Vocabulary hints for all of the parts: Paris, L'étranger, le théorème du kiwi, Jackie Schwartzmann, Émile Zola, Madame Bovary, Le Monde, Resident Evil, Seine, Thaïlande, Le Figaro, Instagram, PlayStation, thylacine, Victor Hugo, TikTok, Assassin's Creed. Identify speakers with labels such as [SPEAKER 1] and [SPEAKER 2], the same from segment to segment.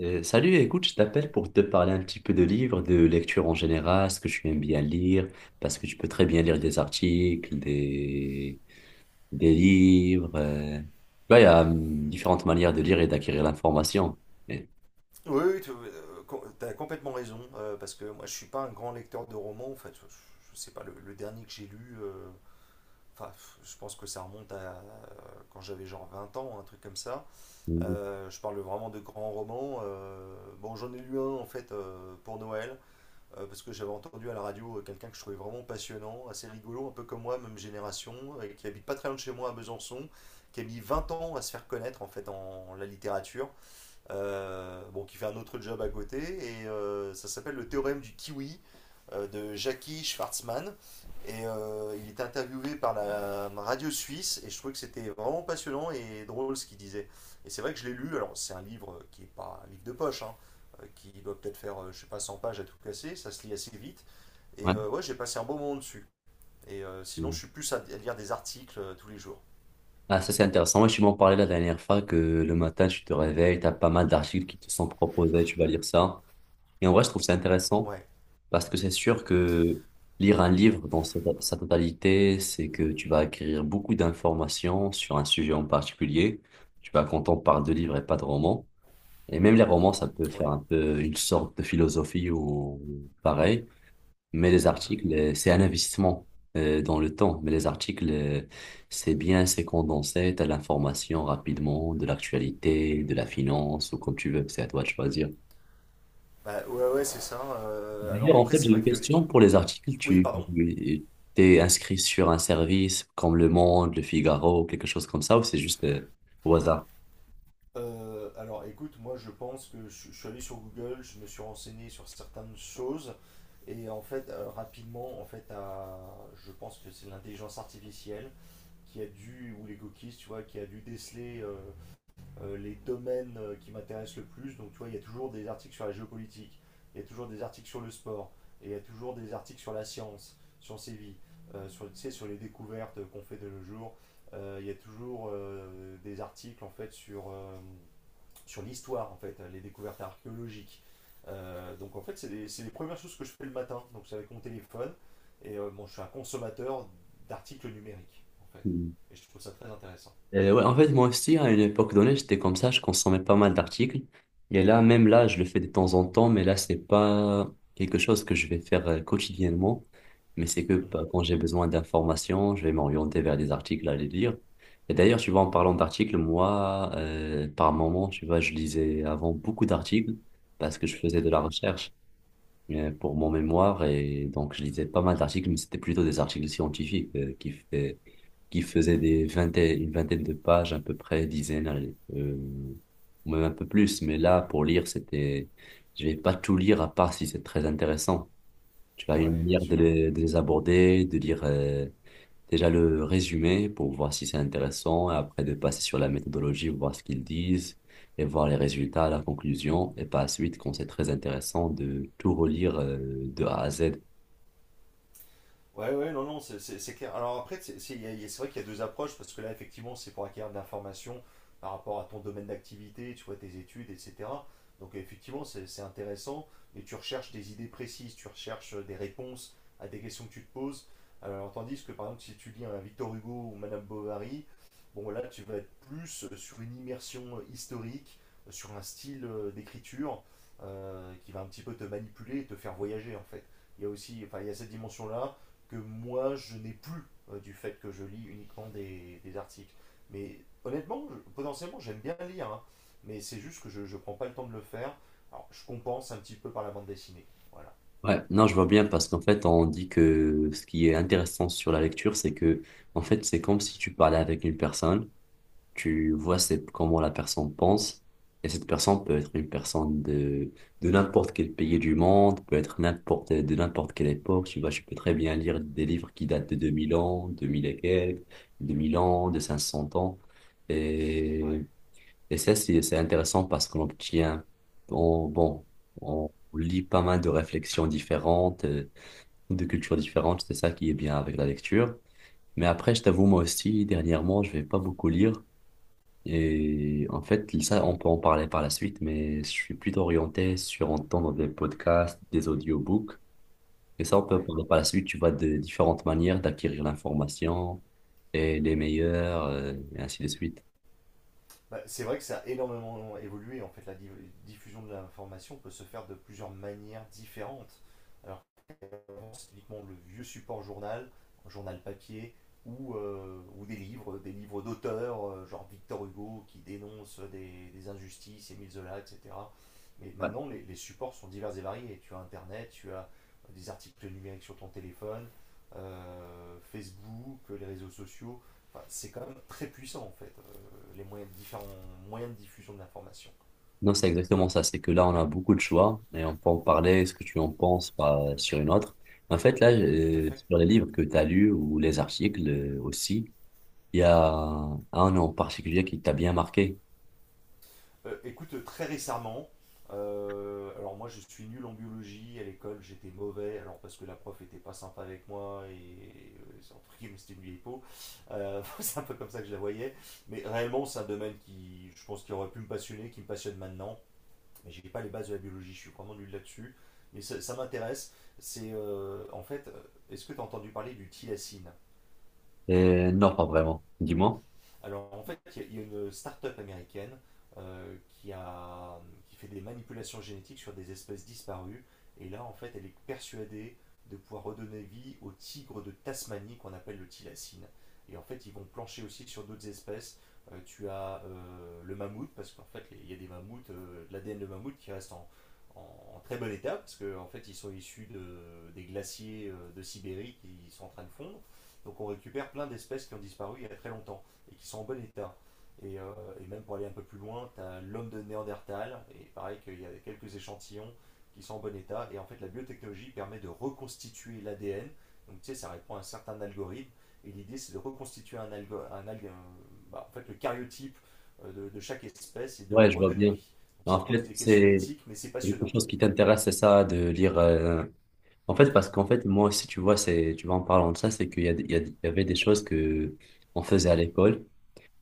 [SPEAKER 1] Salut, écoute, je t'appelle pour te parler un petit peu de livres, de lecture en général, ce que tu aimes bien lire, parce que tu peux très bien lire des articles, des livres. Tu vois, il y a différentes manières de lire et d'acquérir l'information. Et-
[SPEAKER 2] Oui, oui, tu as complètement raison, parce que moi je suis pas un grand lecteur de romans, en fait, je sais pas, le dernier que j'ai lu, enfin, je pense que ça remonte à quand j'avais genre 20 ans, un truc comme ça.
[SPEAKER 1] Mhm.
[SPEAKER 2] Je parle vraiment de grands romans. Bon, j'en ai lu un en fait pour Noël, parce que j'avais entendu à la radio quelqu'un que je trouvais vraiment passionnant, assez rigolo, un peu comme moi, même génération, et qui habite pas très loin de chez moi à Besançon, qui a mis 20 ans à se faire connaître en fait en la littérature, bon, qui fait un autre job à côté, et ça s'appelle le théorème du kiwi de Jackie Schwartzmann. Et il est interviewé par la radio suisse, et je trouvais que c'était vraiment passionnant et drôle ce qu'il disait. Et c'est vrai que je l'ai lu, alors c'est un livre qui est pas un livre de poche, hein, qui doit peut-être faire, je sais pas, 100 pages à tout casser, ça se lit assez vite. Et
[SPEAKER 1] Ouais.
[SPEAKER 2] ouais, j'ai passé un bon moment dessus. Et sinon, je
[SPEAKER 1] Mhm.
[SPEAKER 2] suis plus à lire des articles tous les jours.
[SPEAKER 1] Ah, ça c'est intéressant. Moi, tu m'en parlais la dernière fois que le matin, tu te réveilles, tu as pas mal d'articles qui te sont proposés, tu vas lire ça. Et en vrai, je trouve ça intéressant.
[SPEAKER 2] Ouais,
[SPEAKER 1] Parce que c'est sûr que lire un livre dans sa totalité, c'est que tu vas acquérir beaucoup d'informations sur un sujet en particulier. Tu vas quand on parle de livres et pas de romans. Et même les romans, ça peut
[SPEAKER 2] oui.
[SPEAKER 1] faire un peu une sorte de philosophie ou pareil. Mais les
[SPEAKER 2] Mhm.
[SPEAKER 1] articles, c'est un investissement dans le temps. Mais les articles, c'est bien, c'est condensé, t'as l'information rapidement de l'actualité, de la finance ou comme tu veux. C'est à toi de choisir.
[SPEAKER 2] Bah, ouais, ouais, c'est ça. Alors
[SPEAKER 1] D'ailleurs, en
[SPEAKER 2] après,
[SPEAKER 1] fait,
[SPEAKER 2] c'est
[SPEAKER 1] j'ai
[SPEAKER 2] vrai
[SPEAKER 1] une
[SPEAKER 2] que les,
[SPEAKER 1] question pour les articles.
[SPEAKER 2] oui,
[SPEAKER 1] Tu
[SPEAKER 2] pardon.
[SPEAKER 1] t'es inscrit sur un service comme Le Monde, Le Figaro, quelque chose comme ça, ou c'est juste au hasard?
[SPEAKER 2] Alors écoute, moi je pense que je suis allé sur Google, je me suis renseigné sur certaines choses et en fait rapidement en fait à, je pense que c'est l'intelligence artificielle qui a dû ou les cookies, tu vois, qui a dû déceler les domaines qui m'intéressent le plus. Donc, tu vois, il y a toujours des articles sur la géopolitique, il y a toujours des articles sur le sport, et il y a toujours des articles sur la science, sur ses vies, sur, tu sais, sur les découvertes qu'on fait de nos jours. Il y a toujours des articles en fait sur l'histoire, en fait, les découvertes archéologiques. Donc, en fait, c'est les premières choses que je fais le matin. Donc, c'est avec mon téléphone. Et bon, je suis un consommateur d'articles numériques, en fait. Et je trouve ça très intéressant.
[SPEAKER 1] Ouais, en fait, moi aussi, à une époque donnée, j'étais comme ça, je consommais pas mal d'articles. Et là, même là, je le fais de temps en temps, mais là, c'est pas quelque chose que je vais faire quotidiennement. Mais c'est que bah,
[SPEAKER 2] Mhm.
[SPEAKER 1] quand j'ai besoin d'informations, je vais m'orienter vers des articles à les lire. Et d'ailleurs, tu vois, en parlant d'articles, moi, par moment, tu vois, je lisais avant beaucoup d'articles parce que je faisais de la
[SPEAKER 2] Ouais.
[SPEAKER 1] recherche pour mon mémoire et donc je
[SPEAKER 2] Mhm.
[SPEAKER 1] lisais pas mal d'articles, mais c'était plutôt des articles scientifiques qui faisaient une vingtaine de pages à peu près, dizaines, allez, ou même un peu plus. Mais là, pour lire, c'était, je vais pas tout lire à part si c'est très intéressant. Tu as une
[SPEAKER 2] Ouais, bien
[SPEAKER 1] manière
[SPEAKER 2] sûr.
[SPEAKER 1] de les aborder, de lire déjà le résumé pour voir si c'est intéressant, et après de passer sur la méthodologie, voir ce qu'ils disent, et voir les résultats, la conclusion, et par la suite, quand c'est très intéressant, de tout relire de A à Z.
[SPEAKER 2] Ouais, ouais, non, non, c'est clair. Alors après, c'est vrai qu'il y a deux approches, parce que là, effectivement, c'est pour acquérir de l'information par rapport à ton domaine d'activité, tu vois, tes études, etc. Donc effectivement, c'est intéressant, mais tu recherches des idées précises, tu recherches des réponses à des questions que tu te poses. Alors tandis que, par exemple, si tu lis un Victor Hugo ou Madame Bovary, bon, là, tu vas être plus sur une immersion historique, sur un style d'écriture qui va un petit peu te manipuler et te faire voyager, en fait. Il y a aussi, enfin, il y a cette dimension-là que moi je n'ai plus du fait que je lis uniquement des articles. Mais honnêtement, potentiellement j'aime bien lire, hein, mais c'est juste que je ne prends pas le temps de le faire. Alors je compense un petit peu par la bande dessinée. Voilà.
[SPEAKER 1] Ouais, non, je vois bien parce qu'en fait, on dit que ce qui est intéressant sur la lecture, c'est que, en fait, c'est comme si tu parlais avec une personne. Tu vois, c'est comment la personne pense. Et cette personne peut être une personne de n'importe quel pays du monde, peut être de n'importe quelle époque. Tu vois, je peux très bien lire des livres qui datent de 2000 ans, 2000 et quelques, 2000 ans, de 500 ans. Et,
[SPEAKER 2] Ouais.
[SPEAKER 1] et ça, c'est intéressant parce qu'on obtient, bon, on lit pas mal de réflexions différentes, de cultures différentes. C'est ça qui est bien avec la lecture. Mais après, je t'avoue, moi aussi, dernièrement, je vais pas beaucoup lire.
[SPEAKER 2] Mhm.
[SPEAKER 1] Et en fait, ça, on peut en parler par la suite, mais je suis plutôt orienté sur entendre des podcasts, des audiobooks. Et ça, on peut en
[SPEAKER 2] Ouais.
[SPEAKER 1] parler par la suite. Tu vois, de différentes manières d'acquérir l'information et les meilleures, et ainsi de suite.
[SPEAKER 2] Bah, c'est vrai que ça a énormément évolué. En fait, diffusion de l'information peut se faire de plusieurs manières différentes. C'est uniquement le vieux support journal, journal papier, ou des livres d'auteurs, genre Victor Hugo qui dénonce des injustices, Émile Zola, etc. Mais
[SPEAKER 1] Ouais.
[SPEAKER 2] maintenant, les supports sont divers et variés. Tu as Internet, tu as des articles numériques sur ton téléphone, Facebook, les réseaux sociaux. Enfin, c'est quand même très puissant en fait, différents moyens de diffusion de l'information.
[SPEAKER 1] Non, c'est exactement ça. C'est que là, on a beaucoup de choix et on peut en parler, ce que tu en penses, pas sur une autre. En fait, là,
[SPEAKER 2] Tout à fait.
[SPEAKER 1] sur les livres que tu as lus ou les articles aussi, il y a un en particulier qui t'a bien marqué.
[SPEAKER 2] Écoute, très récemment, alors moi je suis nul en biologie, à l'école j'étais mauvais, alors parce que la prof était pas sympa avec moi et c'est entre guillemets, c'était une vieille peau. C'est un peu comme ça que je la voyais, mais réellement c'est un domaine qui je pense qui aurait pu me passionner, qui me passionne maintenant, mais j'ai pas les bases de la biologie, je suis vraiment nul là-dessus, mais ça m'intéresse. Est-ce que tu as entendu parler du thylacine?
[SPEAKER 1] Non, pas vraiment. Dis-moi.
[SPEAKER 2] Alors en fait, une start-up américaine euh, qui, a, qui fait des manipulations génétiques sur des espèces disparues. Et là, en fait, elle est persuadée de pouvoir redonner vie au tigre de Tasmanie qu'on appelle le thylacine. Et en fait, ils vont plancher aussi sur d'autres espèces. Tu as le mammouth, parce qu'en fait, il y a des mammouths, de l'ADN de mammouth qui reste en- en très bon état, parce qu'en fait, ils sont issus des glaciers de Sibérie qui sont en train de fondre. Donc on récupère plein d'espèces qui ont disparu il y a très longtemps et qui sont en bon état. Et, euh, et même pour aller un peu plus loin, tu as l'homme de Néandertal, et pareil qu'il y a quelques échantillons qui sont en bon état. Et en fait, la biotechnologie permet de reconstituer l'ADN. Donc, tu sais, ça répond à un certain algorithme. Et l'idée, c'est de reconstituer un, algo, un, alg- bah, en fait, le cariotype de chaque espèce et de
[SPEAKER 1] Ouais,
[SPEAKER 2] leur
[SPEAKER 1] je vois
[SPEAKER 2] redonner
[SPEAKER 1] bien.
[SPEAKER 2] vie. Donc, ça
[SPEAKER 1] En
[SPEAKER 2] pose
[SPEAKER 1] fait,
[SPEAKER 2] des questions
[SPEAKER 1] c'est
[SPEAKER 2] d'éthique, mais c'est
[SPEAKER 1] quelque
[SPEAKER 2] passionnant.
[SPEAKER 1] chose qui t'intéresse, c'est ça, de lire. En fait, parce qu'en fait, moi aussi, tu vois, c'est, tu vois, en parlant de ça, c'est qu'il y a, des- il y a- des- il y avait des choses que on faisait à l'école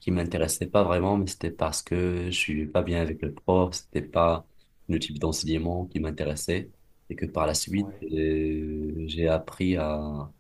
[SPEAKER 1] qui m'intéressaient pas vraiment, mais c'était parce que je suis pas bien avec le prof, c'était pas le type d'enseignement qui m'intéressait, et que par la suite,
[SPEAKER 2] Ouais,
[SPEAKER 1] j'ai appris à,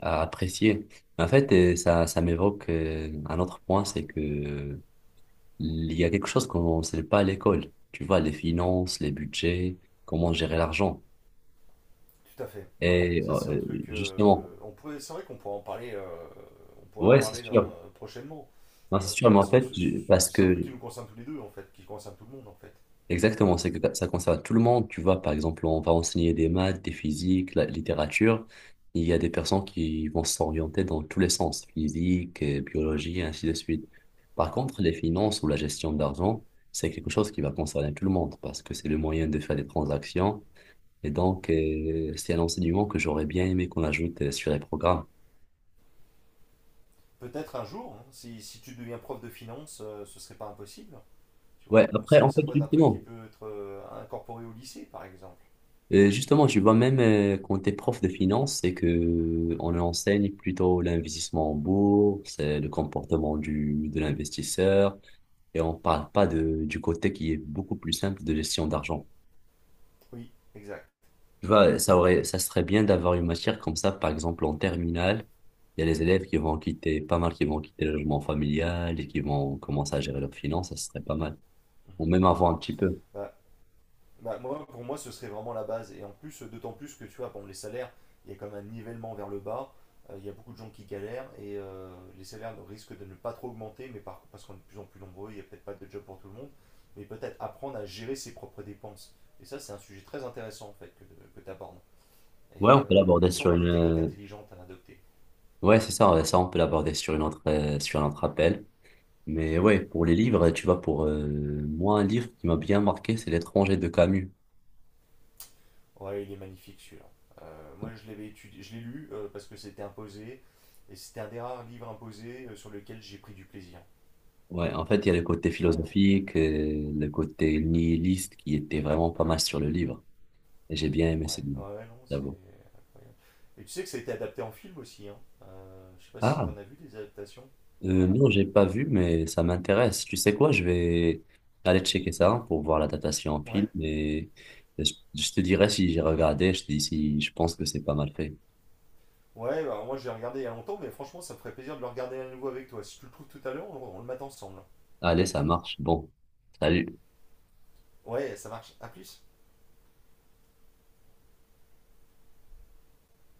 [SPEAKER 1] à apprécier. En fait, ça, ça m'évoque un autre point, c'est que il y a quelque chose qu'on ne sait pas à l'école. Tu vois, les finances, les budgets, comment gérer l'argent.
[SPEAKER 2] tout à fait. Ouais, ouais,
[SPEAKER 1] Et
[SPEAKER 2] ça c'est un truc.
[SPEAKER 1] justement,
[SPEAKER 2] On pourrait, c'est vrai qu'on pourrait en parler. On pourrait en
[SPEAKER 1] ouais, c'est
[SPEAKER 2] parler
[SPEAKER 1] sûr.
[SPEAKER 2] prochainement.
[SPEAKER 1] Non, c'est sûr, mais en
[SPEAKER 2] Parce que
[SPEAKER 1] fait, parce
[SPEAKER 2] c'est un
[SPEAKER 1] que,
[SPEAKER 2] truc qui nous concerne tous les deux, en fait, qui concerne tout le monde, en fait.
[SPEAKER 1] exactement, c'est que ça concerne tout le monde. Tu vois, par exemple, on va enseigner des maths, des physiques, la littérature. Il y a des personnes qui vont s'orienter dans tous les sens, physique, biologie, et ainsi de suite. Par contre, les finances ou la gestion d'argent, c'est quelque chose qui va concerner tout le monde parce que c'est le moyen de faire des transactions. Et donc, c'est un enseignement que j'aurais bien aimé qu'on ajoute sur les programmes.
[SPEAKER 2] Peut-être un jour, hein, si tu deviens prof de finance, ce serait pas impossible. Tu vois,
[SPEAKER 1] Ouais, après, en
[SPEAKER 2] ça
[SPEAKER 1] fait,
[SPEAKER 2] peut être un truc qui peut être incorporé au lycée, par exemple.
[SPEAKER 1] justement, tu vois, même quand tu es prof de finance, c'est que on enseigne plutôt l'investissement en bourse, le comportement de l'investisseur, et on parle pas du côté qui est beaucoup plus simple de gestion d'argent.
[SPEAKER 2] Oui, exact.
[SPEAKER 1] Tu vois, ça serait bien d'avoir une matière comme ça, par exemple, en terminale. Il y a les élèves qui vont quitter, pas mal qui vont quitter le logement familial et qui vont commencer à gérer leurs finances, ça serait pas mal. Ou
[SPEAKER 2] Mhm.
[SPEAKER 1] même avant un petit peu.
[SPEAKER 2] Euh, Bah, moi, pour moi, ce serait vraiment la base. Et en plus, d'autant plus que tu vois, bon, les salaires, il y a quand même un nivellement vers le bas. Il y a beaucoup de gens qui galèrent et les salaires risquent de ne pas trop augmenter, mais parce qu'on est de plus en plus nombreux, il n'y a peut-être pas de job pour tout le monde. Mais peut-être apprendre à gérer ses propres dépenses. Et ça, c'est un sujet très intéressant en fait que tu abordes.
[SPEAKER 1] Ouais,
[SPEAKER 2] Et
[SPEAKER 1] on peut
[SPEAKER 2] il y
[SPEAKER 1] l'aborder
[SPEAKER 2] a
[SPEAKER 1] sur
[SPEAKER 2] sûrement
[SPEAKER 1] une.
[SPEAKER 2] des techniques intelligentes à adopter.
[SPEAKER 1] Ouais, c'est ça, ouais, ça, on peut l'aborder sur une autre, sur un autre appel. Mais ouais, pour les livres, tu vois, pour moi, un livre qui m'a bien marqué, c'est L'étranger de Camus.
[SPEAKER 2] Ouais, il est magnifique celui-là. Moi, je l'avais étudié, je l'ai lu parce que c'était imposé et c'était un des rares livres imposés sur lequel j'ai pris du plaisir.
[SPEAKER 1] Ouais, en fait, il y a le côté
[SPEAKER 2] C'est vrai, hein.
[SPEAKER 1] philosophique, le côté nihiliste qui était vraiment pas mal sur le livre. Et j'ai bien aimé ce
[SPEAKER 2] Ouais,
[SPEAKER 1] livre,
[SPEAKER 2] ouais, ouais, non, c'est
[SPEAKER 1] j'avoue.
[SPEAKER 2] incroyable. Et tu sais que ça a été adapté en film aussi, hein. Je sais pas si
[SPEAKER 1] Ah,
[SPEAKER 2] t'en as vu des adaptations. Ouais.
[SPEAKER 1] Non, j'ai pas vu, mais ça m'intéresse. Tu sais quoi, je vais aller checker ça pour voir la datation en
[SPEAKER 2] Ouais.
[SPEAKER 1] pile, mais je te dirai si j'ai regardé, je te dis si je pense que c'est pas mal fait.
[SPEAKER 2] Ouais, alors moi j'ai regardé il y a longtemps, mais franchement ça me ferait plaisir de le regarder à nouveau avec toi. Si tu le trouves tout à l'heure, on le mate ensemble.
[SPEAKER 1] Allez, ça marche. Bon, salut.
[SPEAKER 2] Ouais, ça marche. À plus.